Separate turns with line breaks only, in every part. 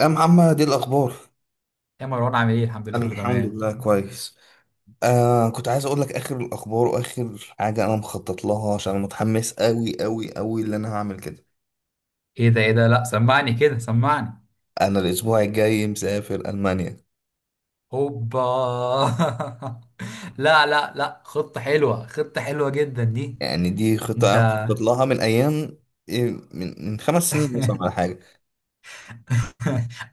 يا محمد، ايه الاخبار؟
يا مروان عامل ايه؟ الحمد لله
انا
كله
الحمد
تمام.
لله كويس. كنت عايز اقول لك اخر الاخبار واخر حاجه انا مخطط لها، عشان أنا متحمس قوي قوي قوي اللي انا هعمل كده.
ايه ده ايه ده، لا سمعني كده سمعني.
انا الاسبوع الجاي مسافر المانيا.
هوبا. لا لا لا، خطة حلوة، خطة حلوة جدا دي.
يعني دي خطه
انت
انا مخطط لها من ايام. إيه، من 5 سنين مثلا ولا حاجه.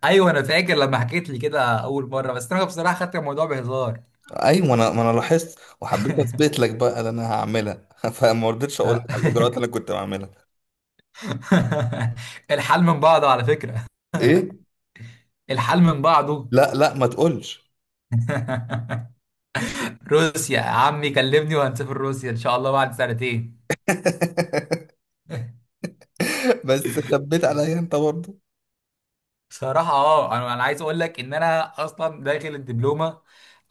ايوه انا فاكر لما حكيت لي كده اول مرة، بس انا بصراحة خدت الموضوع بهزار.
ايوه، ما انا لاحظت وحبيت اثبت لك بقى اللي انا هعملها فما رضيتش اقول لك
لا.
على الاجراءات اللي انا كنت بعملها.
الحال من بعضه على فكرة،
ايه.
الحال من بعضه.
لا لا ما تقولش.
روسيا يا عمي كلمني وهنسافر روسيا ان شاء الله بعد سنتين.
بس خبيت عليا انت برضه.
بصراحة اه انا عايز اقول لك ان انا اصلا داخل الدبلومة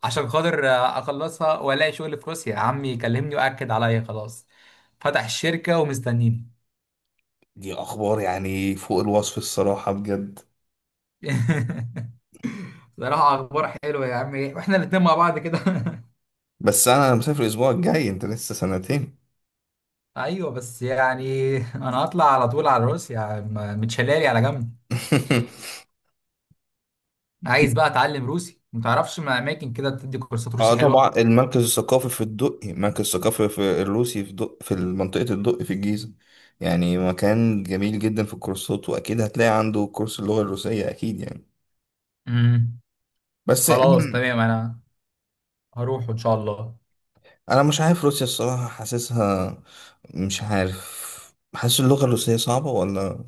عشان خاطر اخلصها والاقي شغل في روسيا، عمي يكلمني واكد عليا خلاص، فتح الشركة ومستنيني.
دي اخبار يعني فوق الوصف الصراحه بجد.
بصراحة اخبار حلوة يا عمي، واحنا الاتنين مع بعض كده.
بس انا مسافر الاسبوع الجاي، انت لسه سنتين.
ايوه، بس يعني انا هطلع على طول على روسيا، متشلالي على جنب. عايز بقى اتعلم روسي، ما تعرفش ما اماكن كده بتدي كورسات
اه
روسي
طبعا،
حلوة؟
المركز الثقافي في الدقي، المركز الثقافي في الروسي في دق في منطقه الدقي في الجيزه. يعني مكان جميل جدا في الكورسات، واكيد هتلاقي عنده كورس اللغه الروسيه اكيد يعني.
امم
بس
خلاص تمام، انا هروح ان شاء الله.
أنا مش عارف روسيا الصراحه، حاسسها مش عارف، حاسس اللغه الروسيه صعبه ولا.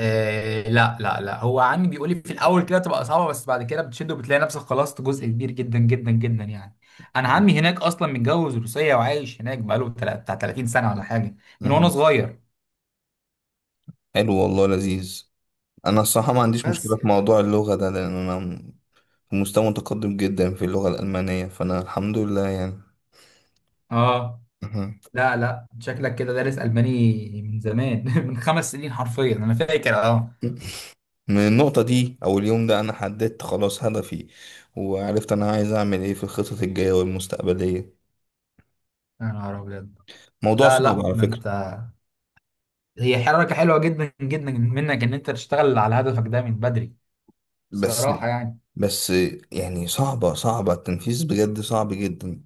آه لا لا لا، هو عمي بيقول لي في الاول كده بتبقى صعبه، بس بعد كده بتشد وبتلاقي نفسك خلصت جزء كبير جدا جدا جدا يعني. انا عمي هناك اصلا متجوز روسيه وعايش هناك بقاله بتاع 30 سنه ولا حاجه، من وانا
مهم.
صغير.
حلو والله لذيذ. انا الصراحه ما عنديش
بس
مشكله في
يعني
موضوع اللغه ده، لان انا في مستوى متقدم جدا في اللغه الالمانيه، فانا الحمد لله يعني.
اه،
أها.
لا لا شكلك كده دارس الماني من زمان من 5 سنين حرفيا انا فاكر، اه.
من النقطه دي او اليوم ده انا حددت خلاص هدفي، وعرفت انا عايز اعمل ايه في الخطط الجايه والمستقبليه.
يا نهار ابيض،
موضوع
لا
صعب
لا
على
ده انت،
فكره.
هي حركه حلوه جدا جدا منك ان انت تشتغل على هدفك ده من بدري
بس
بصراحه يعني.
بس يعني صعبه صعبه التنفيذ بجد، صعب جدا.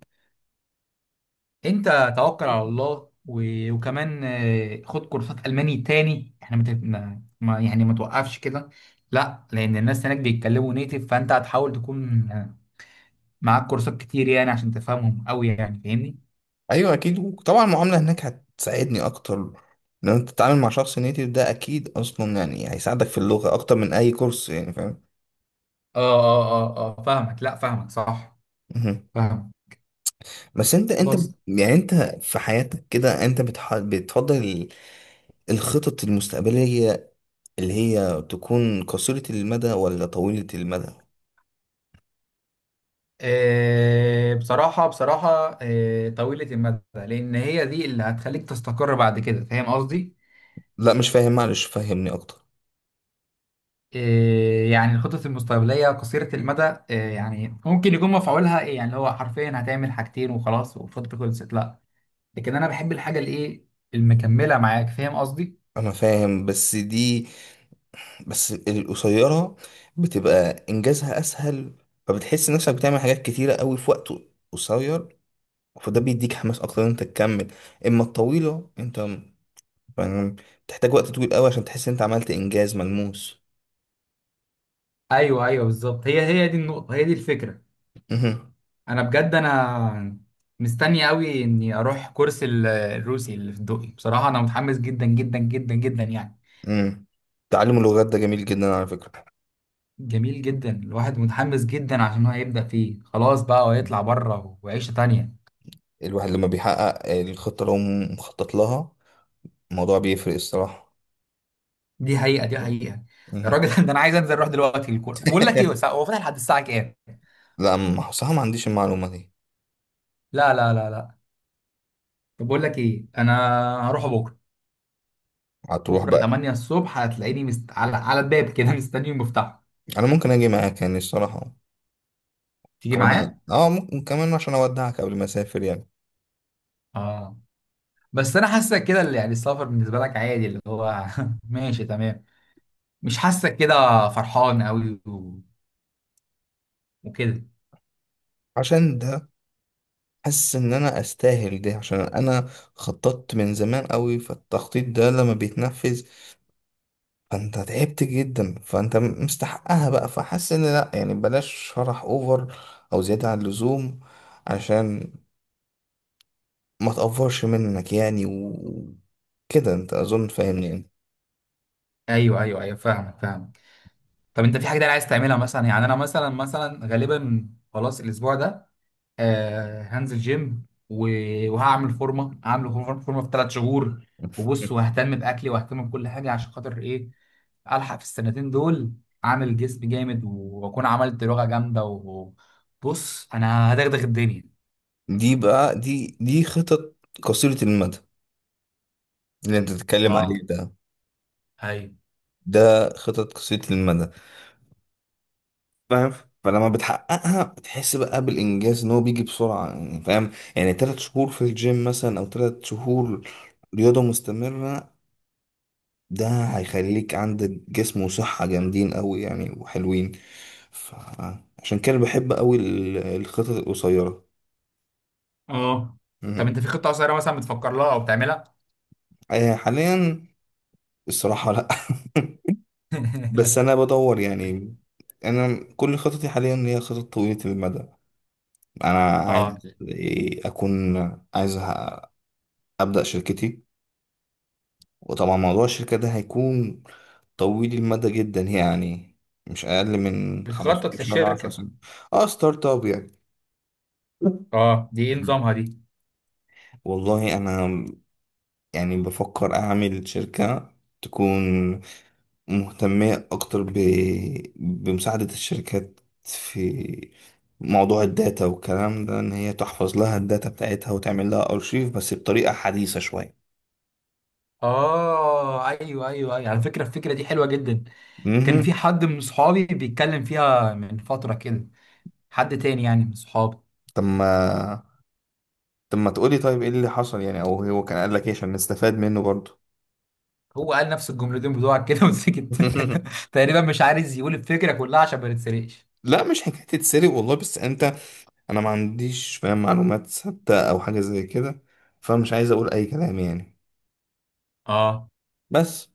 انت توكل على الله وكمان خد كورسات الماني تاني، احنا مت... ما... ما- يعني ما توقفش كده. لا لان الناس هناك بيتكلموا نيتف، فانت هتحاول تكون معاك كورسات كتير يعني عشان تفهمهم قوي يعني، فاهمني؟
ايوه اكيد، وطبعا المعامله هناك هتساعدني اكتر. لما انت تتعامل مع شخص نيتيف ده اكيد اصلا يعني هيساعدك في اللغه اكتر من اي كورس يعني فاهم.
فاهمك، لا فاهمك صح،
مهم.
فاهمك
بس انت
خلاص.
يعني انت في حياتك كده انت بتفضل الخطط المستقبلية اللي هي تكون قصيرة المدى ولا طويلة المدى.
آه بصراحة بصراحة آه طويلة المدى، لأن هي دي اللي هتخليك تستقر بعد كده، فاهم قصدي؟
لا مش فاهم معلش فهمني اكتر.
إيه يعني الخطط المستقبلية قصيرة المدى؟ إيه يعني ممكن يكون مفعولها إيه يعني، اللي هو حرفيا هتعمل حاجتين وخلاص والخطة خلصت؟ لا، لكن أنا بحب الحاجة الإيه، المكملة معاك، فاهم قصدي؟
انا فاهم بس دي، بس القصيرة بتبقى انجازها اسهل، فبتحس نفسك بتعمل حاجات كتيرة قوي في وقت قصير، فده بيديك حماس اكتر ان انت تكمل. اما الطويلة انت فاهم، بتحتاج وقت طويل قوي عشان تحس ان انت عملت انجاز ملموس.
أيوه أيوه بالظبط، هي هي دي النقطة، هي دي الفكرة.
مهم.
أنا بجد أنا مستني أوي إني أروح كورس الروسي اللي في الدقي، بصراحة أنا متحمس جدا جدا جدا جدا يعني.
امم. تعلم اللغات ده جميل جدا على فكرة.
جميل جدا، الواحد متحمس جدا عشان هو هيبدأ فيه خلاص بقى
مم.
ويطلع بره، وعيشة تانية.
الواحد لما بيحقق الخطة اللي هو مخطط لها، الموضوع بيفرق الصراحة.
دي حقيقة، دي حقيقة.
مم.
الراجل ده انا عايز انزل اروح دلوقتي الكورة، بقول لك ايه، هو فاتح لحد الساعة كام؟
لا صراحة ما عنديش المعلومة دي.
لا لا لا لا. طب بقول لك ايه، انا هروح بكرة.
هتروح
بكرة
بقى؟
8 الصبح هتلاقيني على على الباب كده مستني المفتاح.
أنا ممكن أجي معاك يعني الصراحة
تيجي
كمان،
معايا؟
أه ممكن كمان عشان أودعك قبل ما أسافر يعني.
اه. بس انا حاسك كده اللي يعني السفر بالنسبة لك عادي، اللي هو ماشي تمام، مش حاسك كده فرحان قوي وكده.
عشان ده حاسس إن أنا أستاهل ده، عشان أنا خططت من زمان قوي، فالتخطيط ده لما بيتنفذ، فانت تعبت جدا، فانت مستحقها بقى، فحاسس ان لا يعني بلاش شرح اوفر او زيادة عن اللزوم، عشان ما تقفرش منك يعني وكده، انت اظن فاهمني يعني.
ايوه ايوه ايوه فاهمك فاهمك. طب انت في حاجة تانية عايز تعملها مثلا؟ يعني انا مثلا مثلا غالبا خلاص الاسبوع ده آه هنزل جيم وهعمل فورمه، هعمل فورمه، فورمة في 3 شهور. وبص، وههتم باكلي واهتم بكل حاجه عشان خاطر ايه؟ الحق في السنتين دول، عامل جسم جامد واكون عملت لغه جامده، وبص انا هدغدغ الدنيا.
دي بقى دي خطط قصيرة المدى اللي انت بتتكلم عليه
اه
ده،
ايوه
ده خطط قصيرة المدى فاهم. فلما بتحققها بتحس بقى بالانجاز ان هو بيجي بسرعة، يعني فاهم يعني، 3 شهور في الجيم مثلا او 3 شهور رياضة مستمرة، ده هيخليك عندك جسم وصحة جامدين قوي يعني وحلوين. فعشان كده بحب قوي الخطط القصيرة.
اه. طب
مهم.
انت في خطه قصيره مثلا بتفكر لها او بتعملها؟
حاليا الصراحة لا. بس انا بدور يعني، انا كل خططي حاليا هي خطط طويلة المدى. انا
اه،
عايز اكون عايز ابدأ شركتي، وطبعا موضوع الشركة ده هيكون طويل المدى جدا يعني، مش اقل من
بتخطط
15 ل 10
للشركه؟
سنة. اه ستارت اب يعني.
اه دي ايه نظامها دي؟
والله انا يعني بفكر اعمل شركة تكون مهتمة اكتر بمساعدة الشركات في موضوع الداتا والكلام ده، ان هي تحفظ لها الداتا بتاعتها وتعمل لها ارشيف بس بطريقة حديثة شوية.
اه ايوه ايوه ايوه، على فكره الفكره دي حلوه جدا. كان في
امم.
حد من صحابي بيتكلم فيها من فترة كده، حد تاني يعني من صحابي.
طب ما طب ما تقولي طيب ايه اللي حصل يعني، او هو كان قال لك ايه عشان نستفاد منه برضه.
هو قال نفس الجملتين بتوعك كده وسكت. تقريبا مش عايز يقول الفكرة كلها عشان ما نتسرقش.
لا مش حكاية تتسرق والله، بس انت، انا ما عنديش فاهم معلومات ثابته او حاجه زي كده، فمش عايز اقول اي كلام يعني.
اه،
بس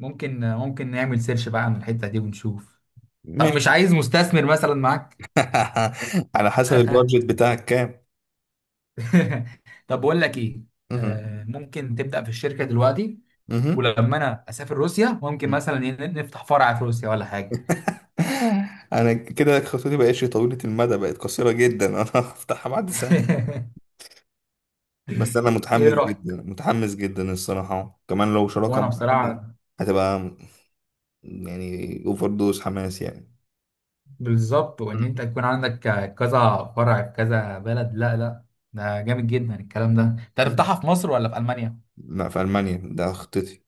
ممكن ممكن نعمل سيرش بقى عن الحتة دي ونشوف. طب
ماشي.
مش عايز مستثمر مثلا معاك؟
على حسب البادجت بتاعك كام؟
طب بقول لك ايه،
مهم.
آه ممكن تبدأ في الشركة دلوقتي؟
مهم.
ولما انا اسافر روسيا ممكن
مهم.
مثلا نفتح فرع في روسيا ولا حاجة.
انا كده خطتي بقتش طويله المدى، بقت قصيره جدا. انا هفتحها بعد سنه. بس انا
ايه
متحمس
رأيك؟
جدا متحمس جدا الصراحه، كمان لو شراكه
وانا
مع حد
بصراحة،
هتبقى يعني اوفر دوز حماس يعني.
بالظبط، وان انت
مم.
يكون عندك كذا فرع في كذا بلد، لا لا ده جامد جدا الكلام ده. انت
مم.
هتفتحها في مصر ولا في المانيا؟
لا في المانيا ده خطتي.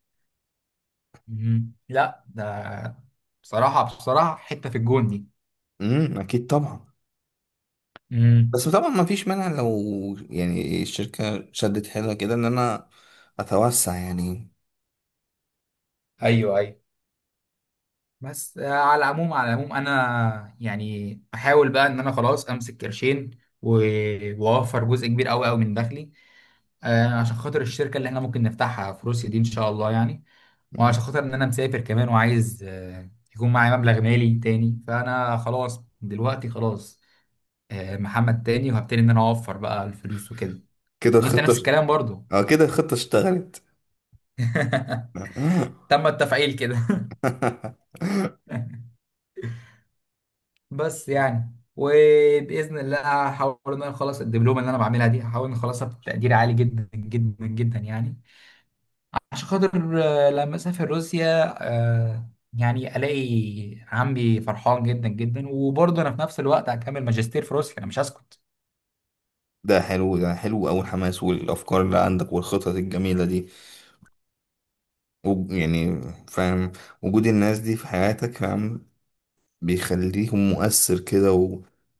مم. لا ده بصراحه بصراحه حته في الجون دي.
مم. اكيد طبعا.
مم.
بس طبعا ما فيش مانع لو يعني الشركة شدت حيلها كده ان انا اتوسع يعني.
ايوه ايوه. بس على العموم على العموم انا يعني احاول بقى ان انا خلاص امسك قرشين واوفر جزء كبير قوي قوي من دخلي عشان خاطر الشركة اللي احنا ممكن نفتحها في روسيا دي ان شاء الله يعني.
مم.
وعشان خاطر ان انا مسافر كمان وعايز يكون معايا مبلغ مالي تاني، فانا خلاص دلوقتي خلاص محمد تاني، وهبتدي ان انا اوفر بقى الفلوس وكده.
كده
وانت نفس
الخطة.
الكلام برضو.
اه كده الخطة اشتغلت.
تم التفعيل كده. بس يعني وباذن الله هحاول ان انا اخلص الدبلومه اللي انا بعملها دي، هحاول ان اخلصها بتقدير عالي جدا جدا جدا يعني، عشان خاطر لما اسافر روسيا يعني الاقي عمي فرحان جدا جدا، وبرضه انا في نفس الوقت هكمل ماجستير في روسيا، انا مش هسكت.
ده حلو، ده حلو أوي الحماس والأفكار اللي عندك والخطط الجميلة دي، يعني فاهم، وجود الناس دي في حياتك فاهم بيخليهم مؤثر كده، وإن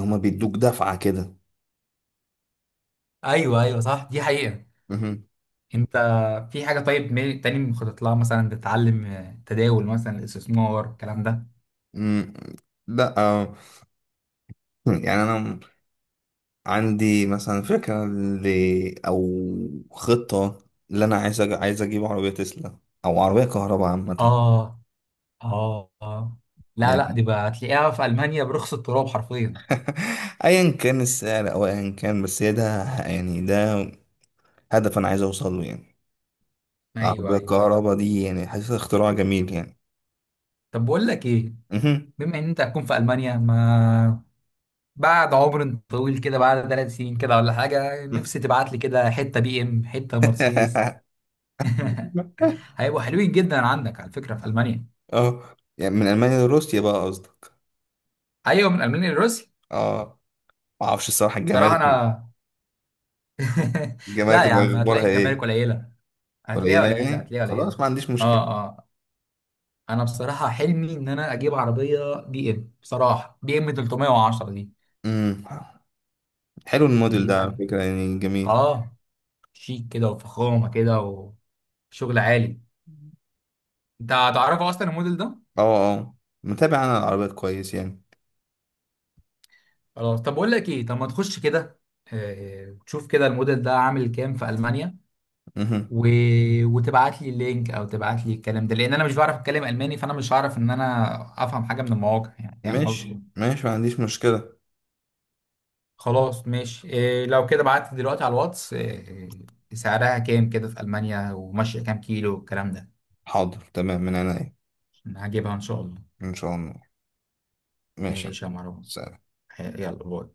هما بيدوك دفعة كده.
ايوه ايوه صح دي حقيقة.
مهم.
انت في حاجة طيب تاني مخطط لها مثلا؟ تتعلم تداول مثلا، الاستثمار، الكلام ده.
مم. لا يعني أنا عندي مثلا فكرة أو خطة اللي أنا عايز عايز أجيب عربية تسلا، أو عربية كهرباء عامة
اه اه اه، لا لا
يعني.
دي بقى هتلاقيها في المانيا برخص التراب حرفيا.
أيا كان السعر أو أيا كان، بس هي ده يعني ده هدف أنا عايز أوصل له يعني.
ايوه
العربية
ايوه ايوه.
الكهرباء دي يعني حاسس اختراع جميل يعني.
طب بقول لك ايه،
مهم.
بما ان انت هتكون في المانيا، ما بعد عمر طويل كده، بعد 3 سنين كده ولا حاجة، نفسي تبعت لي كده حتة بي ام، حتة مرسيدس. هيبقوا حلوين جدا عندك على فكرة في ألمانيا.
اه يعني من ألمانيا لروسيا بقى قصدك.
أيوة، من ألمانيا لروسيا.
اه معرفش الصراحة
صراحة
الجمارك،
أنا لا
الجمارك
يا
هيبقى
عم هتلاقي
أخبارها
الجمارك
إيه؟
قليلة، هتلاقيها
قليلة
قليلة،
يعني
هتلاقيها
خلاص
قليلة.
ما عنديش مشكلة.
اه اه. أنا بصراحة حلمي إن أنا أجيب عربية بي ام، بصراحة بي ام 310 دي،
امم. حلو الموديل
دي
ده على
فعلا
فكرة يعني جميل.
اه شيك كده وفخامة كده وشغل عالي. أنت هتعرفه أصلا الموديل ده؟
اه اه، متابع انا العربيات كويس يعني.
خلاص طب بقول لك ايه، طب ما تخش كده تشوف كده الموديل ده عامل كام في المانيا
مهم.
و... وتبعت لي اللينك او تبعت لي الكلام ده، لان انا مش بعرف اتكلم الماني، فانا مش هعرف ان انا افهم حاجه من المواقع يعني، فاهم قصدي؟
ماشي ماشي ما عنديش مشكلة.
خلاص ماشي، إيه لو كده بعت لي دلوقتي على الواتس إيه سعرها كام كده في المانيا، وماشيه كام كيلو والكلام ده.
حاضر تمام من عينيا.
عشان هجيبها ان شاء الله.
ان شاء الله. ماشي.
ماشي يا مروان.
سلام.
يلا باي.